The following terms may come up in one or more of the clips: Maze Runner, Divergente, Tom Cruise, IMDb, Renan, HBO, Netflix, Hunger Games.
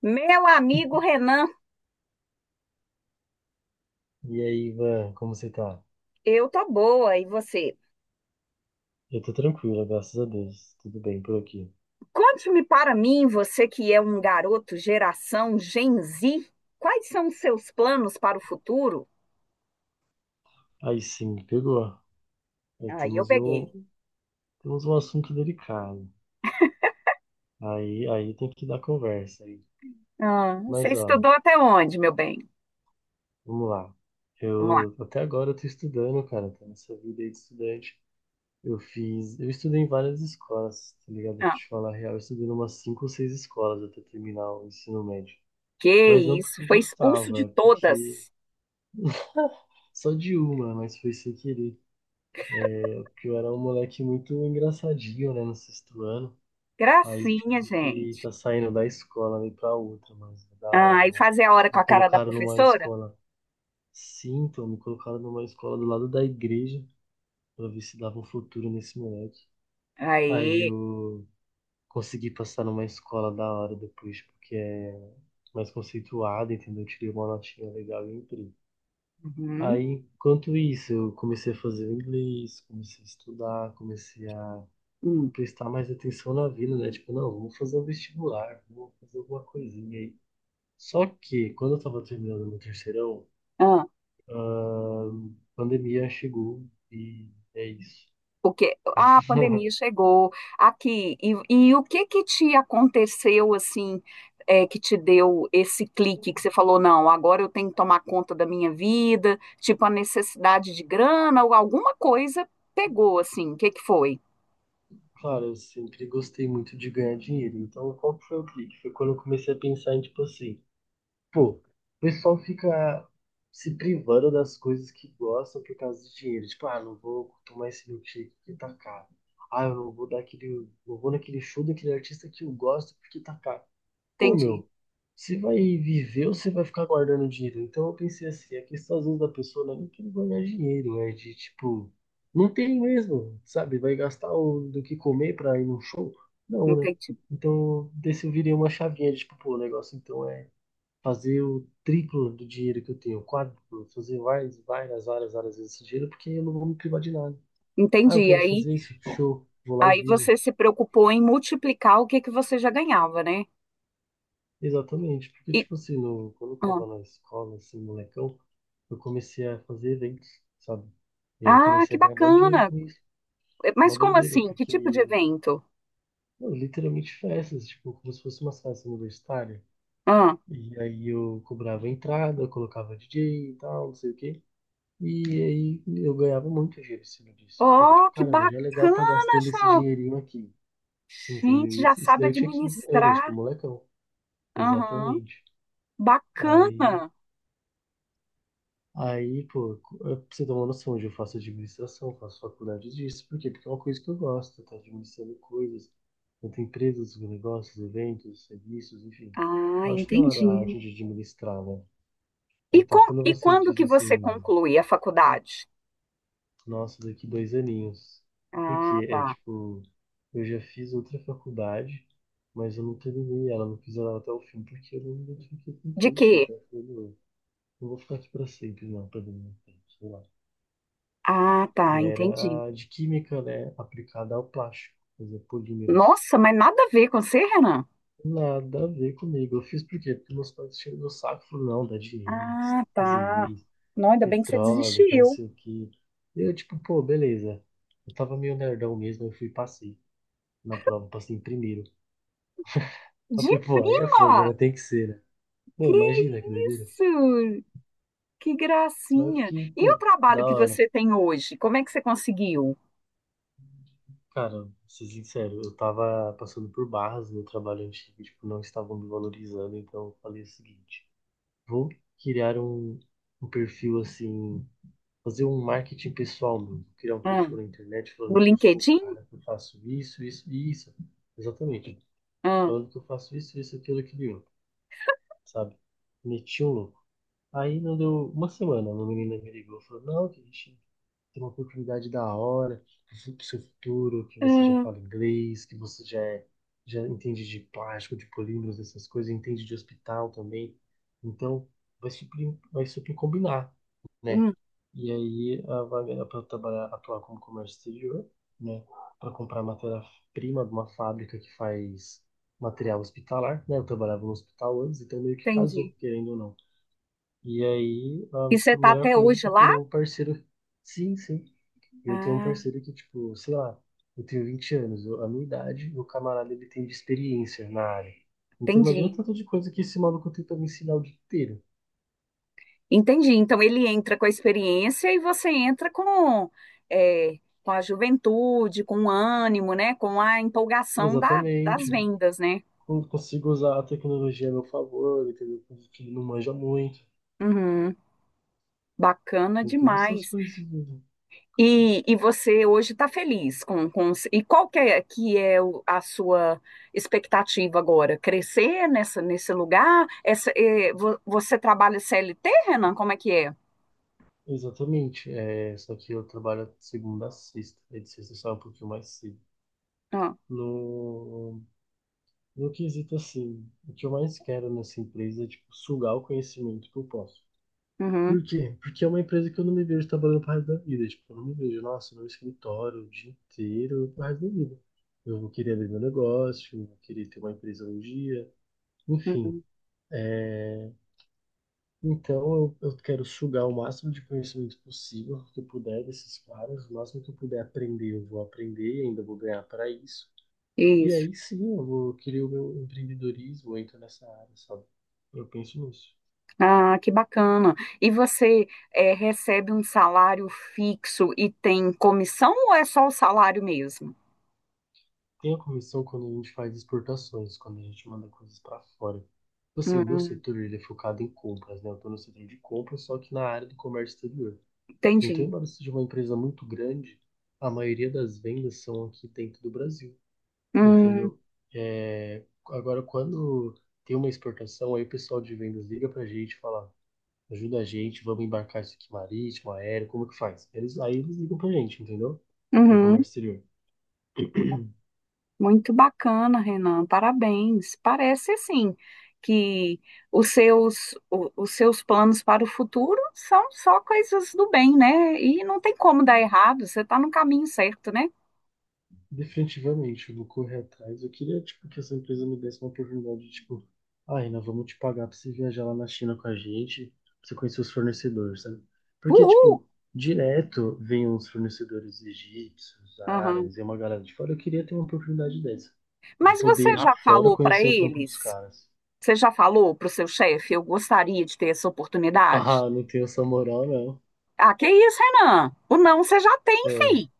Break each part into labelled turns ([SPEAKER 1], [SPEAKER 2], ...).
[SPEAKER 1] Meu amigo Renan,
[SPEAKER 2] E aí, Ivan, como você tá?
[SPEAKER 1] eu tô boa, e você?
[SPEAKER 2] Eu tô tranquilo, graças a Deus. Tudo bem por aqui.
[SPEAKER 1] Conte-me para mim, você que é um garoto geração Gen Z, quais são os seus planos para o futuro?
[SPEAKER 2] Aí sim, me pegou. Aí
[SPEAKER 1] Aí eu
[SPEAKER 2] temos um,
[SPEAKER 1] peguei.
[SPEAKER 2] temos um assunto delicado. Aí tem que dar conversa aí.
[SPEAKER 1] Ah, você
[SPEAKER 2] Mas ó,
[SPEAKER 1] estudou até onde, meu bem?
[SPEAKER 2] vamos lá.
[SPEAKER 1] Vamos lá.
[SPEAKER 2] Eu até agora eu tô estudando, cara, tô nessa vida aí de estudante. Eu estudei em várias escolas, tá ligado? Pra
[SPEAKER 1] Ah,
[SPEAKER 2] te falar a real, eu estudei em umas cinco ou seis escolas até terminar o ensino médio. Mas
[SPEAKER 1] que
[SPEAKER 2] não
[SPEAKER 1] isso,
[SPEAKER 2] porque eu
[SPEAKER 1] foi expulso
[SPEAKER 2] gostava,
[SPEAKER 1] de
[SPEAKER 2] é
[SPEAKER 1] todas.
[SPEAKER 2] porque só de uma, mas foi sem querer. Porque eu era um moleque muito engraçadinho, né, no sexto ano. Aí eu
[SPEAKER 1] Gracinha,
[SPEAKER 2] tive que
[SPEAKER 1] gente.
[SPEAKER 2] estar saindo da escola e ir pra outra, mas é da
[SPEAKER 1] Ah,
[SPEAKER 2] hora,
[SPEAKER 1] e
[SPEAKER 2] né?
[SPEAKER 1] fazer a hora com
[SPEAKER 2] Me
[SPEAKER 1] a cara da
[SPEAKER 2] colocaram numa
[SPEAKER 1] professora?
[SPEAKER 2] escola, Sim, então me colocaram numa escola do lado da igreja pra ver se dava um futuro nesse moleque. Aí
[SPEAKER 1] Aí.
[SPEAKER 2] eu consegui passar numa escola da hora depois, porque é mais conceituada, entendeu? Eu tirei uma notinha legal e entrei.
[SPEAKER 1] Uhum.
[SPEAKER 2] Aí, Enquanto isso, eu comecei a fazer o inglês, comecei a estudar, comecei a
[SPEAKER 1] Hum.
[SPEAKER 2] prestar mais atenção na vida, né? Tipo, não, vou fazer um vestibular, vou fazer alguma coisinha aí. Só que quando eu tava terminando meu terceirão,
[SPEAKER 1] Ah,
[SPEAKER 2] a pandemia chegou e é isso.
[SPEAKER 1] porque ah, a pandemia chegou aqui. E o que que te aconteceu assim, que te deu esse clique que você falou, não, agora eu tenho que tomar conta da minha vida, tipo a necessidade de grana ou alguma coisa pegou assim. O que que foi?
[SPEAKER 2] Claro, eu sempre gostei muito de ganhar dinheiro. Então, qual que foi o clique? Foi quando eu comecei a pensar em, tipo assim, pô, o pessoal fica se privando das coisas que gostam por causa do dinheiro. Tipo, ah, não vou tomar esse milkshake porque tá caro. Ah, eu não vou dar aquele, não vou naquele show daquele artista que eu gosto porque tá caro. Pô,
[SPEAKER 1] Entendi,
[SPEAKER 2] meu, você vai viver ou você vai ficar guardando dinheiro? Então eu pensei assim, a questão às vezes da pessoa, né, não é nem querer guardar dinheiro, é de tipo, não tem mesmo, sabe? Do que comer pra ir num show? Não, né?
[SPEAKER 1] entendi.
[SPEAKER 2] Então desse eu virei uma chavinha de tipo, pô, o negócio então é fazer o triplo do dinheiro que eu tenho, o quádruplo, fazer várias vezes esse dinheiro, porque eu não vou me privar de nada. Ah, eu
[SPEAKER 1] Entendi.
[SPEAKER 2] quero
[SPEAKER 1] Aí,
[SPEAKER 2] fazer isso, show, vou lá e
[SPEAKER 1] aí
[SPEAKER 2] vivo.
[SPEAKER 1] você se preocupou em multiplicar o que que você já ganhava, né?
[SPEAKER 2] Exatamente, porque
[SPEAKER 1] E,
[SPEAKER 2] tipo assim, no, quando eu
[SPEAKER 1] ah,
[SPEAKER 2] tava na escola, assim, molecão, eu comecei a fazer eventos, sabe? E aí eu
[SPEAKER 1] ah, que
[SPEAKER 2] comecei a ganhar mó dinheiro
[SPEAKER 1] bacana.
[SPEAKER 2] com isso. Mó
[SPEAKER 1] Mas como
[SPEAKER 2] doideira,
[SPEAKER 1] assim? Que tipo de
[SPEAKER 2] porque,
[SPEAKER 1] evento?
[SPEAKER 2] mano, literalmente festas, tipo, como se fosse uma festa universitária. E aí eu cobrava entrada, eu colocava DJ e tal, não sei o quê. E aí eu ganhava muito dinheiro em cima disso. Eu falava, tipo,
[SPEAKER 1] Ó que
[SPEAKER 2] caramba, já é legal tá
[SPEAKER 1] bacana,
[SPEAKER 2] gastando esse
[SPEAKER 1] João.
[SPEAKER 2] dinheirinho aqui.
[SPEAKER 1] Gente,
[SPEAKER 2] Entendeu?
[SPEAKER 1] já
[SPEAKER 2] Isso
[SPEAKER 1] sabe
[SPEAKER 2] daí eu tinha 15 anos, tipo,
[SPEAKER 1] administrar.
[SPEAKER 2] molecão.
[SPEAKER 1] Aham,
[SPEAKER 2] Exatamente. Aí
[SPEAKER 1] bacana.
[SPEAKER 2] Aí, pô, eu- Pra você ter uma noção, de eu faço administração, faço faculdade disso. Por quê? Porque é uma coisa que eu gosto, tá administrando coisas, tanto empresas, negócios, eventos, serviços, enfim.
[SPEAKER 1] Ah,
[SPEAKER 2] Eu acho da hora a
[SPEAKER 1] entendi.
[SPEAKER 2] arte de administrar, né? Então, quando
[SPEAKER 1] E
[SPEAKER 2] você
[SPEAKER 1] quando
[SPEAKER 2] diz
[SPEAKER 1] que você
[SPEAKER 2] assim,
[SPEAKER 1] conclui a faculdade?
[SPEAKER 2] nossa, daqui dois aninhos, porque
[SPEAKER 1] Ah,
[SPEAKER 2] é
[SPEAKER 1] tá.
[SPEAKER 2] tipo, eu já fiz outra faculdade, mas eu não terminei ela, não fiz ela até o fim, porque eu não identifiquei com o
[SPEAKER 1] De quê?
[SPEAKER 2] curso, então eu falei, não, não vou ficar aqui pra sempre, não, perdendo meu tempo, sei lá.
[SPEAKER 1] Ah,
[SPEAKER 2] E
[SPEAKER 1] tá, entendi.
[SPEAKER 2] era a de química, né? Aplicada ao plástico, fazer polímeros.
[SPEAKER 1] Nossa, mas nada a ver com você, Renan.
[SPEAKER 2] Nada a ver comigo. Eu fiz por quê? Porque meus pais tinham no saco e falaram, não, dá dinheiro, você
[SPEAKER 1] Ah,
[SPEAKER 2] tem que fazer
[SPEAKER 1] tá.
[SPEAKER 2] isso,
[SPEAKER 1] Não, ainda bem que você
[SPEAKER 2] petróleo, que não
[SPEAKER 1] desistiu.
[SPEAKER 2] sei o quê. E eu, tipo, pô, beleza. Eu tava meio nerdão mesmo, eu fui e passei na prova, passei em primeiro. Eu
[SPEAKER 1] De
[SPEAKER 2] falei, pô, aí é fogo,
[SPEAKER 1] prima?
[SPEAKER 2] né? Tem que ser, né?
[SPEAKER 1] Que
[SPEAKER 2] Meu, imagina que doideira.
[SPEAKER 1] isso? Que
[SPEAKER 2] Aí eu
[SPEAKER 1] gracinha.
[SPEAKER 2] fiquei,
[SPEAKER 1] E o
[SPEAKER 2] pô,
[SPEAKER 1] trabalho
[SPEAKER 2] da
[SPEAKER 1] que
[SPEAKER 2] hora.
[SPEAKER 1] você tem hoje? Como é que você conseguiu?
[SPEAKER 2] Cara, vou ser sincero, eu tava passando por barras no trabalho antigo, tipo, não estavam me valorizando, então eu falei o seguinte. Vou criar um, um perfil assim, fazer um marketing pessoal meu. Criar um
[SPEAKER 1] Ah.
[SPEAKER 2] perfil na internet
[SPEAKER 1] No
[SPEAKER 2] falando que eu sou o
[SPEAKER 1] LinkedIn?
[SPEAKER 2] cara que eu faço isso, isso e isso. Exatamente.
[SPEAKER 1] Ah,
[SPEAKER 2] Falando que eu faço isso, isso, aquilo, aquilo, e outro, sabe? Meti um louco. Aí não deu uma semana, uma menina me ligou e falou, não, que a gente ter uma oportunidade da hora para o seu futuro, que você já
[SPEAKER 1] ah,
[SPEAKER 2] fala inglês, que já entende de plástico, de polímeros, essas coisas, entende de hospital também. Então, vai super combinar, né?
[SPEAKER 1] hum,
[SPEAKER 2] E aí, a vaga é para trabalhar, atuar como comércio exterior, né? Para comprar matéria-prima de uma fábrica que faz material hospitalar, né? Eu trabalhava no hospital antes, então meio que casou,
[SPEAKER 1] entendi.
[SPEAKER 2] querendo ou não. E aí,
[SPEAKER 1] E você
[SPEAKER 2] a
[SPEAKER 1] está
[SPEAKER 2] melhor
[SPEAKER 1] até
[SPEAKER 2] coisa é
[SPEAKER 1] hoje
[SPEAKER 2] que eu
[SPEAKER 1] lá?
[SPEAKER 2] tenho um parceiro. Sim, sim. E eu tenho um
[SPEAKER 1] Ah,
[SPEAKER 2] parceiro que, tipo, sei lá, eu tenho 20 anos, eu- a minha idade, e o camarada ele tem de experiência na área. Então imagina o
[SPEAKER 1] entendi.
[SPEAKER 2] tanto de coisa que esse maluco tem pra me ensinar o dia inteiro.
[SPEAKER 1] Entendi. Então ele entra com a experiência e você entra com, com a juventude, com o ânimo, né? Com a empolgação das
[SPEAKER 2] Exatamente.
[SPEAKER 1] vendas, né?
[SPEAKER 2] Eu consigo usar a tecnologia a meu favor, entendeu? Coisa que ele não manja muito.
[SPEAKER 1] Uhum. Bacana
[SPEAKER 2] Tem todas essas
[SPEAKER 1] demais.
[SPEAKER 2] coisinhas, né?
[SPEAKER 1] E você hoje está feliz com... E qual que é a sua expectativa agora? Crescer nessa, nesse lugar? Essa, é, você trabalha CLT, Renan? Como é que é?
[SPEAKER 2] Exatamente. É, só que eu trabalho segunda a sexta. É, de sexta sai um pouquinho mais cedo.
[SPEAKER 1] Ah,
[SPEAKER 2] No, no quesito assim, o que eu mais quero nessa empresa é tipo, sugar o conhecimento que eu posso.
[SPEAKER 1] uhum,
[SPEAKER 2] Por quê? Porque é uma empresa que eu não me vejo trabalhando pro resto da vida. Tipo, eu não me vejo, nossa, no escritório o dia inteiro pro resto da vida. Eu vou querer abrir meu negócio, eu vou querer ter uma empresa um dia, enfim.
[SPEAKER 1] uhum,
[SPEAKER 2] É... Então eu quero sugar o máximo de conhecimento possível que eu puder desses caras, o máximo que eu puder aprender, eu vou aprender e ainda vou ganhar para isso. E
[SPEAKER 1] isso.
[SPEAKER 2] aí sim, eu vou querer o meu empreendedorismo, eu entro nessa área, sabe? Eu penso nisso.
[SPEAKER 1] Ah, que bacana. E você é, recebe um salário fixo e tem comissão ou é só o salário mesmo?
[SPEAKER 2] Tem a comissão quando a gente faz exportações, quando a gente manda coisas para fora. Tipo assim, o meu
[SPEAKER 1] Hum,
[SPEAKER 2] setor ele é focado em compras, né? Eu tô no setor de compras, só que na área do comércio exterior. Então,
[SPEAKER 1] entendi.
[SPEAKER 2] embora seja uma empresa muito grande, a maioria das vendas são aqui dentro do Brasil,
[SPEAKER 1] Hum,
[SPEAKER 2] entendeu? É... Agora, quando tem uma exportação, aí o pessoal de vendas liga pra gente e fala, ajuda a gente, vamos embarcar isso aqui marítimo, aéreo, como que faz? Aí eles ligam pra gente, entendeu? Do
[SPEAKER 1] uhum.
[SPEAKER 2] comércio exterior.
[SPEAKER 1] Muito bacana, Renan. Parabéns. Parece assim que os seus planos para o futuro são só coisas do bem, né? E não tem como dar errado, você está no caminho certo, né?
[SPEAKER 2] Definitivamente, eu vou correr atrás. Eu queria, tipo, que essa empresa me desse uma oportunidade de, tipo, ah, nós vamos te pagar pra você viajar lá na China com a gente, pra você conhecer os fornecedores, sabe? Porque,
[SPEAKER 1] Uhul!
[SPEAKER 2] tipo, direto vem uns fornecedores egípcios,
[SPEAKER 1] Aham.
[SPEAKER 2] árabes e uma galera de fora. Eu queria ter uma oportunidade dessa, de
[SPEAKER 1] Mas
[SPEAKER 2] poder ir
[SPEAKER 1] você
[SPEAKER 2] lá
[SPEAKER 1] já
[SPEAKER 2] fora
[SPEAKER 1] falou para
[SPEAKER 2] conhecer o trampo dos
[SPEAKER 1] eles?
[SPEAKER 2] caras.
[SPEAKER 1] Você já falou para o seu chefe? Eu gostaria de ter essa oportunidade.
[SPEAKER 2] Ah, não tenho essa moral, não.
[SPEAKER 1] Ah, que isso, Renan? O não você já tem,
[SPEAKER 2] Ah,
[SPEAKER 1] fi.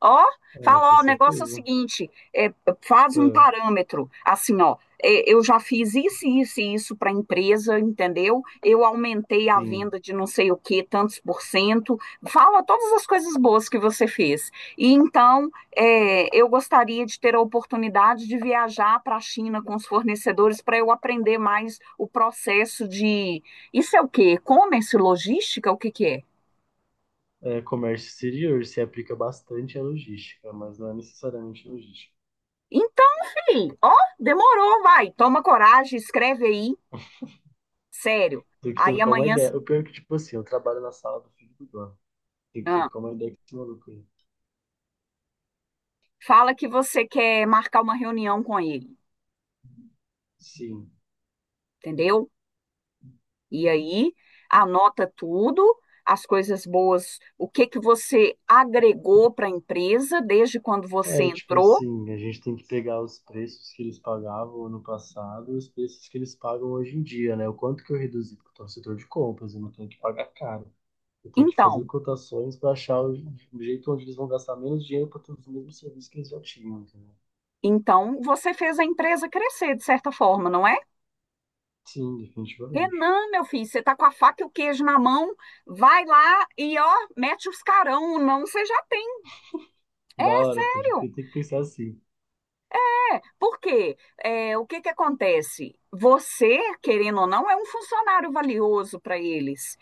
[SPEAKER 1] Ó,
[SPEAKER 2] é,
[SPEAKER 1] fala,
[SPEAKER 2] com
[SPEAKER 1] ó, o negócio é o
[SPEAKER 2] certeza.
[SPEAKER 1] seguinte, é, faz um
[SPEAKER 2] Ah,
[SPEAKER 1] parâmetro, assim, ó, é, eu já fiz isso, isso e isso para a empresa, entendeu? Eu aumentei a
[SPEAKER 2] sim.
[SPEAKER 1] venda de não sei o que, tantos por cento, fala todas as coisas boas que você fez. E então, é, eu gostaria de ter a oportunidade de viajar para a China com os fornecedores para eu aprender mais o processo de, isso é o quê? E-commerce, logística, o que que é?
[SPEAKER 2] É, comércio exterior se aplica bastante à logística, mas não é necessariamente logística.
[SPEAKER 1] Então, filho, ó, demorou, vai. Toma coragem, escreve aí, sério.
[SPEAKER 2] Tem que
[SPEAKER 1] Aí
[SPEAKER 2] trocar uma
[SPEAKER 1] amanhã
[SPEAKER 2] ideia. O pior é que, tipo assim, eu trabalho na sala do filho do dono. Tem que
[SPEAKER 1] ah,
[SPEAKER 2] trocar uma ideia com esse maluco aí.
[SPEAKER 1] fala que você quer marcar uma reunião com ele,
[SPEAKER 2] Sim.
[SPEAKER 1] entendeu? E aí anota tudo, as coisas boas, o que que você agregou para a empresa desde quando você
[SPEAKER 2] É, tipo
[SPEAKER 1] entrou.
[SPEAKER 2] assim, a gente tem que pegar os preços que eles pagavam ano passado e os preços que eles pagam hoje em dia, né? O quanto que eu reduzi, porque eu tô no setor de compras, eu não tenho que pagar caro. Eu tenho que fazer
[SPEAKER 1] Então,
[SPEAKER 2] cotações para achar o jeito onde eles vão gastar menos dinheiro para ter os mesmos serviços que eles já tinham, entendeu?
[SPEAKER 1] então você fez a empresa crescer de certa forma, não é?
[SPEAKER 2] Sim, definitivamente.
[SPEAKER 1] Renan, meu filho, você tá com a faca e o queijo na mão, vai lá e ó, mete os carão, não você já tem é
[SPEAKER 2] Da hora, pode
[SPEAKER 1] sério.
[SPEAKER 2] crer. Tem que pensar assim.
[SPEAKER 1] É. Por quê? É, o que que acontece? Você, querendo ou não, é um funcionário valioso para eles.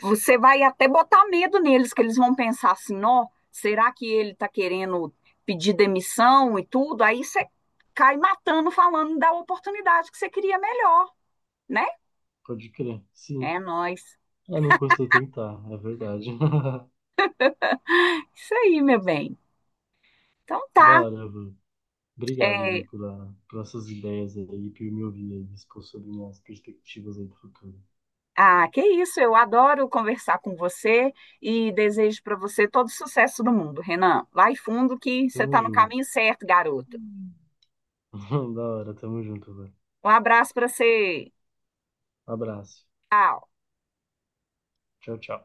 [SPEAKER 1] Você vai até botar medo neles, que eles vão pensar assim, ó, será que ele está querendo pedir demissão e tudo? Aí você cai matando, falando da oportunidade que você queria melhor, né?
[SPEAKER 2] Pode crer.
[SPEAKER 1] É
[SPEAKER 2] Sim.
[SPEAKER 1] nóis.
[SPEAKER 2] Ah, não custa tentar, é verdade.
[SPEAKER 1] Isso aí, meu bem. Então
[SPEAKER 2] Da
[SPEAKER 1] tá.
[SPEAKER 2] hora, viu? Obrigado, viu,
[SPEAKER 1] É,
[SPEAKER 2] por essas ideias aí, por me ouvir aí, expor sobre minhas perspectivas aí do futuro.
[SPEAKER 1] ah, que isso, eu adoro conversar com você e desejo para você todo o sucesso do mundo, Renan. Vai fundo que você
[SPEAKER 2] Tamo
[SPEAKER 1] está no
[SPEAKER 2] junto.
[SPEAKER 1] caminho certo, garoto.
[SPEAKER 2] Da hora, tamo junto, velho.
[SPEAKER 1] Um abraço para você.
[SPEAKER 2] Abraço.
[SPEAKER 1] Tchau.
[SPEAKER 2] Tchau, tchau.